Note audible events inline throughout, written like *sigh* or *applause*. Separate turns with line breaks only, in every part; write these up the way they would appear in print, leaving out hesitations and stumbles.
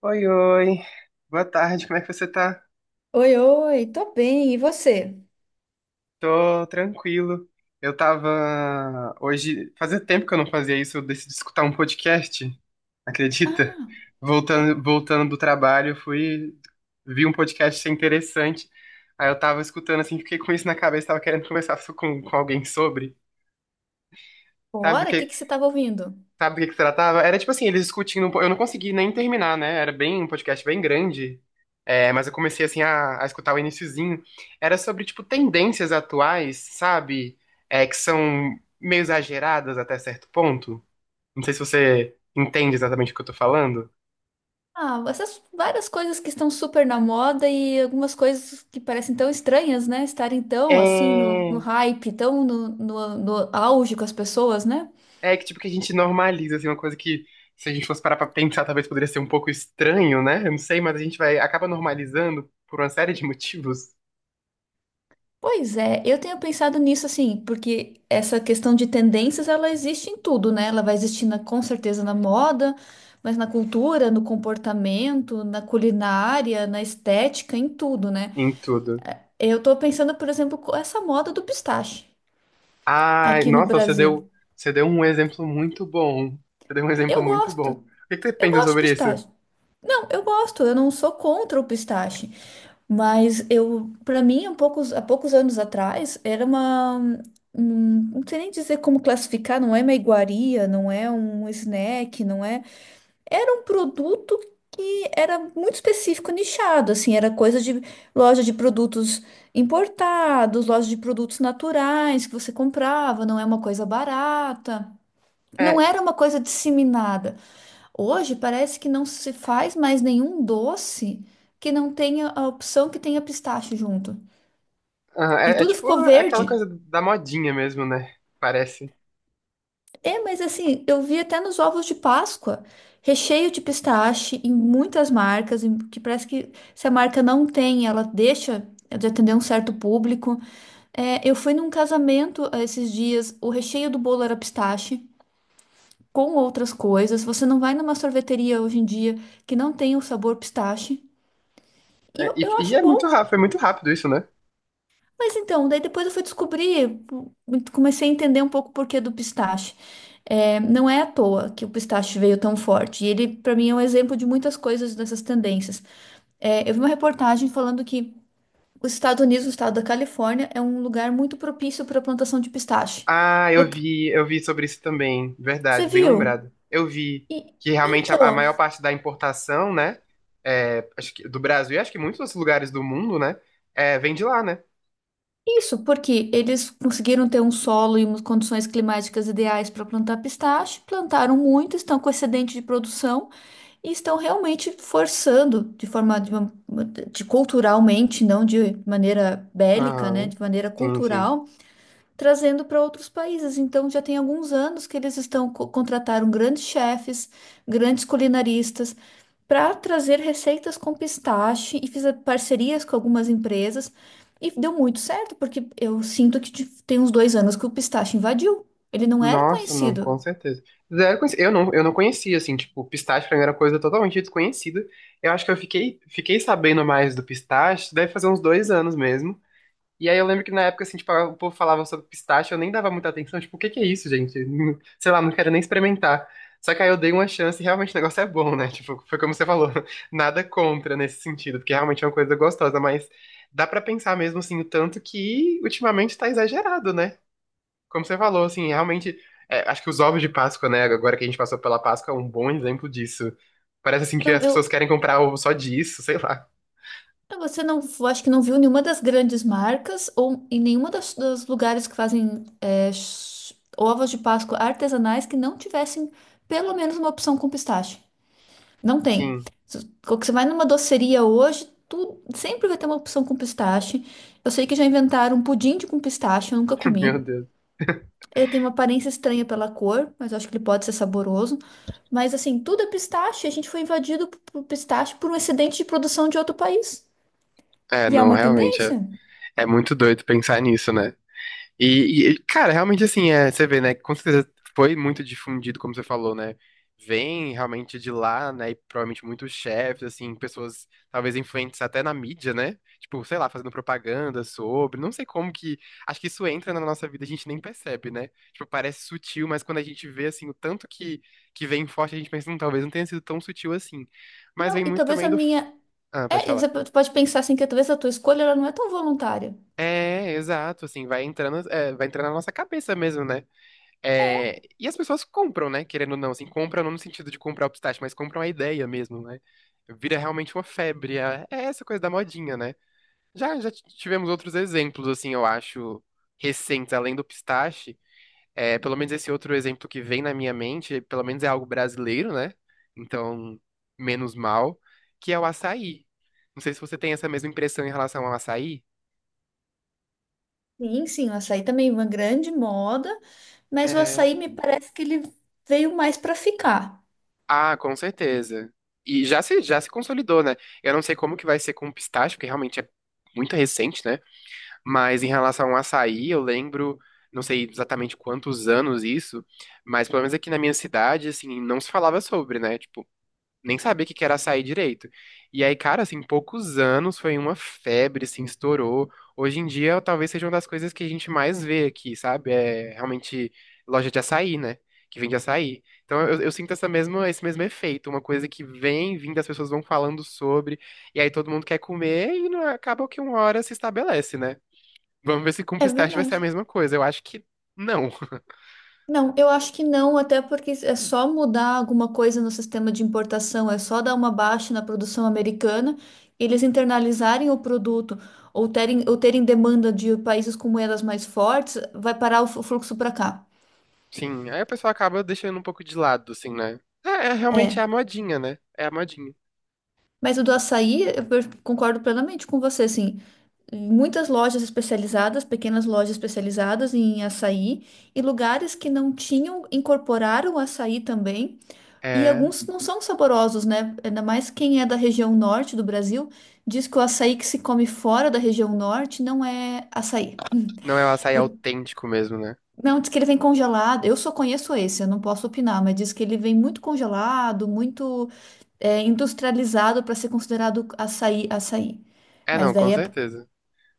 Oi, oi. Boa tarde, como é que você tá?
Oi, oi, tô bem, e você?
Tô tranquilo. Eu tava hoje, fazia tempo que eu não fazia isso, eu decidi escutar um podcast, acredita?
Ah,
Voltando do trabalho, eu fui vi um podcast achei interessante. Aí eu tava escutando assim, fiquei com isso na cabeça, tava querendo conversar com alguém sobre, sabe, do
bora? O que
que
que você estava ouvindo?
Sabe do que se tratava? Era tipo assim, eles discutindo. Eu não consegui nem terminar, né? Era bem um podcast bem grande. É, mas eu comecei assim a escutar o iniciozinho. Era sobre tipo tendências atuais, sabe? É, que são meio exageradas até certo ponto. Não sei se você entende exatamente o que eu tô falando.
Ah, essas várias coisas que estão super na moda e algumas coisas que parecem tão estranhas, né? Estarem tão assim no
É,
hype, tão no auge com as pessoas, né?
é que tipo que a gente normaliza assim uma coisa que se a gente fosse parar pra pensar talvez poderia ser um pouco estranho, né? Eu não sei, mas a gente vai acaba normalizando por uma série de motivos
Pois é, eu tenho pensado nisso assim, porque essa questão de tendências ela existe em tudo, né? Ela vai existir com certeza na moda, mas na cultura, no comportamento, na culinária, na estética, em tudo, né?
em tudo.
Eu tô pensando, por exemplo, com essa moda do pistache
Ai,
aqui no
nossa,
Brasil.
você deu um exemplo muito bom. Você deu um exemplo
Eu
muito bom.
gosto,
O que que você
eu
pensa
gosto de
sobre isso?
pistache. Não, eu gosto, eu não sou contra o pistache. Mas eu, para mim, há poucos anos atrás, era não sei nem dizer como classificar, não é uma iguaria, não é um snack, não é. Era um produto que era muito específico, nichado, assim, era coisa de loja de produtos importados, loja de produtos naturais que você comprava, não é uma coisa barata. Não
É,
era uma coisa disseminada. Hoje parece que não se faz mais nenhum doce que não tenha a opção que tenha pistache junto.
aham,
E
é, é
tudo
tipo
ficou
aquela
verde.
coisa da modinha mesmo, né? Parece.
É, mas assim, eu vi até nos ovos de Páscoa, recheio de pistache em muitas marcas, que parece que se a marca não tem, ela deixa de atender um certo público. É, eu fui num casamento esses dias, o recheio do bolo era pistache, com outras coisas. Você não vai numa sorveteria hoje em dia que não tem o sabor pistache. E
É,
eu
e
acho bom.
é muito rápido isso, né?
Mas então, daí depois eu fui descobrir, comecei a entender um pouco o porquê do pistache. É, não é à toa que o pistache veio tão forte. E ele, para mim, é um exemplo de muitas coisas dessas tendências. É, eu vi uma reportagem falando que os Estados Unidos, o estado da Califórnia, é um lugar muito propício para a plantação de pistache.
Ah,
Falou,
eu vi sobre isso também.
você
Verdade, bem
viu?
lembrado. Eu vi
E-
que realmente a
então,
maior parte da importação, né? É, acho que do Brasil e acho que muitos outros lugares do mundo, né? É, vem de lá, né?
isso porque eles conseguiram ter um solo e umas condições climáticas ideais para plantar pistache, plantaram muito, estão com excedente de produção. E estão realmente forçando de forma de, uma- de culturalmente, não de maneira bélica, né,
Aham.
de maneira
Sim, sim.
cultural, trazendo para outros países. Então já tem alguns anos que eles estão contrataram grandes chefes, grandes culinaristas para trazer receitas com pistache e fiz parcerias com algumas empresas e deu muito certo, porque eu sinto que tem uns dois anos que o pistache invadiu. Ele não era
Nossa, não, com
conhecido.
certeza. Zero conheci- Eu não conhecia, assim, tipo, pistache pra mim era coisa totalmente desconhecida. Eu acho que fiquei sabendo mais do pistache, deve fazer uns 2 anos mesmo. E aí eu lembro que na época, assim, tipo, o povo falava sobre pistache, eu nem dava muita atenção, tipo, o que que é isso, gente? *laughs* Sei lá, não quero nem experimentar. Só que aí eu dei uma chance e realmente o negócio é bom, né? Tipo, foi como você falou, *laughs* nada contra nesse sentido, porque realmente é uma coisa gostosa, mas dá pra pensar mesmo, assim, o tanto que ultimamente tá exagerado, né? Como você falou, assim, realmente, é, acho que os ovos de Páscoa, né, agora que a gente passou pela Páscoa, é um bom exemplo disso. Parece assim que
então
as pessoas
eu,
querem comprar ovo só disso, sei lá.
Você não, acho que não viu nenhuma das grandes marcas ou em nenhuma dos lugares que fazem ovos de Páscoa artesanais que não tivessem pelo menos uma opção com pistache. Não tem.
Sim.
Quando você vai numa doceria hoje, tu sempre vai ter uma opção com pistache. Eu sei que já inventaram um pudim de com pistache, eu nunca
*laughs* Meu
comi.
Deus.
Ele tem uma aparência estranha pela cor, mas eu acho que ele pode ser saboroso. Mas assim, tudo é pistache. A gente foi invadido por pistache por um excedente de produção de outro país.
É,
E é
não,
uma
realmente, é,
tendência.
é muito doido pensar nisso, né? E, cara, realmente assim, é, você vê, né? Com certeza foi muito difundido, como você falou, né? Vem realmente de lá, né? E provavelmente muitos chefes, assim, pessoas talvez influentes até na mídia, né? Tipo, sei lá, fazendo propaganda sobre. Não sei como que. Acho que isso entra na nossa vida, a gente nem percebe, né? Tipo, parece sutil, mas quando a gente vê, assim, o tanto que vem forte, a gente pensa, talvez não tenha sido tão sutil assim. Mas
Não,
vem
e
muito
talvez
também
a
do.
minha.
F- Ah, pode
É, e você
falar.
pode pensar assim que talvez a tua escolha ela não é tão voluntária.
É, exato, assim, vai entrando, é, vai entrando na nossa cabeça mesmo, né?
É,
É, e as pessoas compram, né? Querendo ou não, assim, compram não no sentido de comprar o pistache, mas compram a ideia mesmo, né? Vira realmente uma febre. É é essa coisa da modinha, né? Tivemos outros exemplos, assim, eu acho, recentes, além do pistache. É, pelo menos esse outro exemplo que vem na minha mente, pelo menos é algo brasileiro, né? Então, menos mal, que é o açaí. Não sei se você tem essa mesma impressão em relação ao açaí.
sim, sim, o açaí também é uma grande moda, mas o
É,
açaí me parece que ele veio mais para ficar.
Ah, com certeza. E já se consolidou, né? Eu não sei como que vai ser com o pistache, porque realmente é muito recente, né? Mas em relação ao açaí, eu lembro, não sei exatamente quantos anos isso, mas pelo menos aqui na minha cidade, assim, não se falava sobre, né? Tipo, nem sabia o que que era açaí direito. E aí, cara, assim, em poucos anos foi uma febre, assim, estourou. Hoje em dia, talvez seja uma das coisas que a gente mais vê aqui, sabe? É realmente loja de açaí, né? Que vende açaí. Então eu sinto esse mesmo efeito, uma coisa que vem vindo, as pessoas vão falando sobre, e aí todo mundo quer comer e não, acaba que uma hora se estabelece, né? Vamos ver se com
É
pistache vai ser
verdade.
a mesma coisa. Eu acho que não. *laughs*
Não, eu acho que não, até porque é só mudar alguma coisa no sistema de importação, é só dar uma baixa na produção americana, eles internalizarem o produto ou terem demanda de países com moedas mais fortes, vai parar o fluxo para cá.
Sim, aí a pessoa acaba deixando um pouco de lado, assim, né? É, é realmente é
É.
a modinha, né? É a modinha.
Mas o do açaí, eu concordo plenamente com você, assim. Muitas lojas especializadas, pequenas lojas especializadas em açaí, e lugares que não tinham, incorporaram açaí também. E
É,
alguns não são saborosos, né? Ainda mais quem é da região norte do Brasil, diz que o açaí que se come fora da região norte não é açaí.
não é o açaí
Por-
autêntico mesmo, né?
Não, diz que ele vem congelado. Eu só conheço esse, eu não posso opinar, mas diz que ele vem muito congelado, muito industrializado para ser considerado açaí, açaí.
É,
Mas
não, com
daí é,
certeza.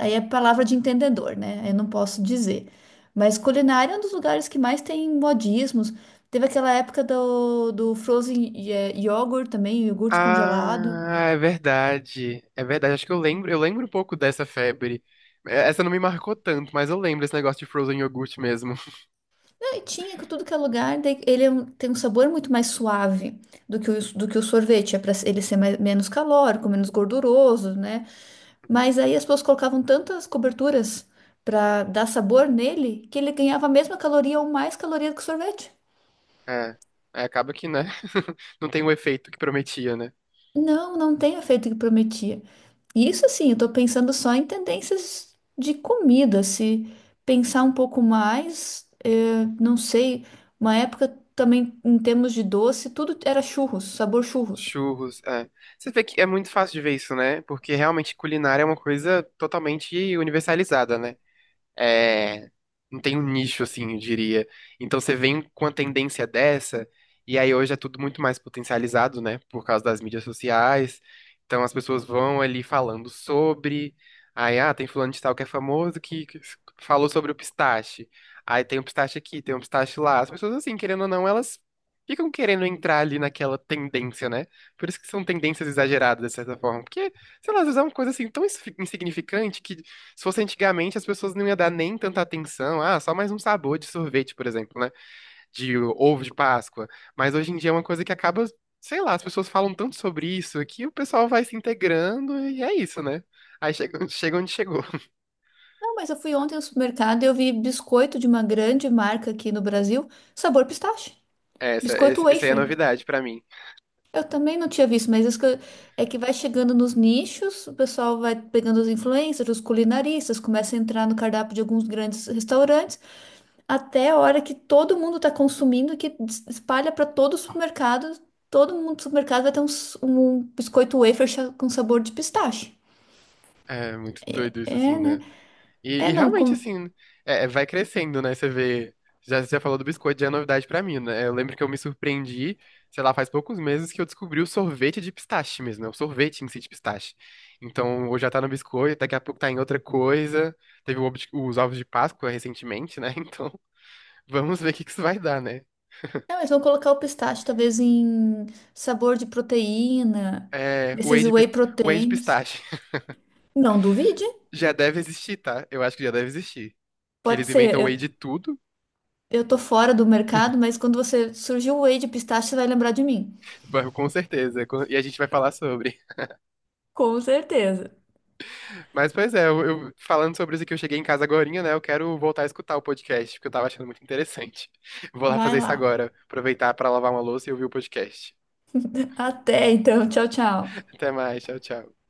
aí é palavra de entendedor, né? Eu não posso dizer. Mas culinária é um dos lugares que mais tem modismos. Teve aquela época do frozen yogurt também, iogurte congelado.
Ah, é verdade. É verdade, acho que eu lembro um pouco dessa febre. É, essa não me marcou tanto, mas eu lembro esse negócio de frozen yogurt mesmo. *laughs*
Não, e tinha que tudo que é lugar, daí tem um sabor muito mais suave do que o sorvete. É para ele ser menos calórico, menos gorduroso, né?
Uhum.
Mas aí as pessoas colocavam tantas coberturas para dar sabor nele que ele ganhava a mesma caloria ou mais caloria do que o sorvete.
É, é, acaba que, né? *laughs* Não tem o efeito que prometia, né?
Não, não tem o efeito que prometia. E isso assim, eu tô pensando só em tendências de comida. Se pensar um pouco mais, não sei, uma época também em termos de doce, tudo era churros, sabor churros.
Churros, é. Você vê que é muito fácil de ver isso, né? Porque realmente culinária é uma coisa totalmente universalizada, né? É, não tem um nicho, assim, eu diria. Então você vem com a tendência dessa, e aí hoje é tudo muito mais potencializado, né? Por causa das mídias sociais. Então as pessoas vão ali falando sobre. Aí, ah, tem fulano de tal que é famoso que falou sobre o pistache. Aí tem um pistache aqui, tem um pistache lá. As pessoas, assim, querendo ou não, elas ficam querendo entrar ali naquela tendência, né? Por isso que são tendências exageradas, de certa forma. Porque, sei lá, às vezes é uma coisa assim tão insignificante que se fosse antigamente, as pessoas não iam dar nem tanta atenção. Ah, só mais um sabor de sorvete, por exemplo, né? De ovo de Páscoa. Mas hoje em dia é uma coisa que acaba, sei lá, as pessoas falam tanto sobre isso que o pessoal vai se integrando e é isso, né? Aí chega, *laughs* chega onde chegou. *laughs*
Não, mas eu fui ontem no supermercado e eu vi biscoito de uma grande marca aqui no Brasil, sabor pistache,
É, Essa,
biscoito
essa aí é a
wafer.
novidade pra mim.
Eu também não tinha visto, mas é que vai chegando nos nichos, o pessoal vai pegando os influencers, os culinaristas, começa a entrar no cardápio de alguns grandes restaurantes, até a hora que todo mundo está consumindo, que espalha para todo o supermercado, todo mundo do supermercado vai ter um biscoito wafer com sabor de pistache.
É muito doido isso, assim,
É, né?
né?
É,
E
não,
realmente,
com...
assim, é, é, vai crescendo, né? Você vê. Já, você já falou do biscoito, já é novidade pra mim, né? Eu lembro que eu me surpreendi, sei lá, faz poucos meses que eu descobri o sorvete de pistache mesmo, né? O sorvete em si de pistache. Então, hoje já tá no biscoito, daqui a pouco tá em outra coisa. Teve o os ovos de Páscoa recentemente, né? *laughs* Então, vamos ver o que que isso vai dar, né?
Não, eles vão colocar o pistache talvez em sabor de proteína,
É, o whey
desses
de, pis-
whey
whey de
proteins.
pistache. *laughs*
Não duvide.
Já deve existir, tá? Eu acho que já deve existir. Que
Pode
eles
ser.
inventam whey de tudo,
Eu tô fora do mercado, mas quando você surgir o whey de pistache, você vai lembrar de mim.
*laughs* com certeza. E a gente vai falar sobre.
Com certeza.
Mas, pois é, falando sobre isso aqui, eu cheguei em casa agorinha, né? Eu quero voltar a escutar o podcast, porque eu tava achando muito interessante. *laughs* Vou lá
Vai
fazer isso
lá.
agora, aproveitar pra lavar uma louça e ouvir o podcast.
Até então. Tchau, tchau.
Até mais, tchau, tchau.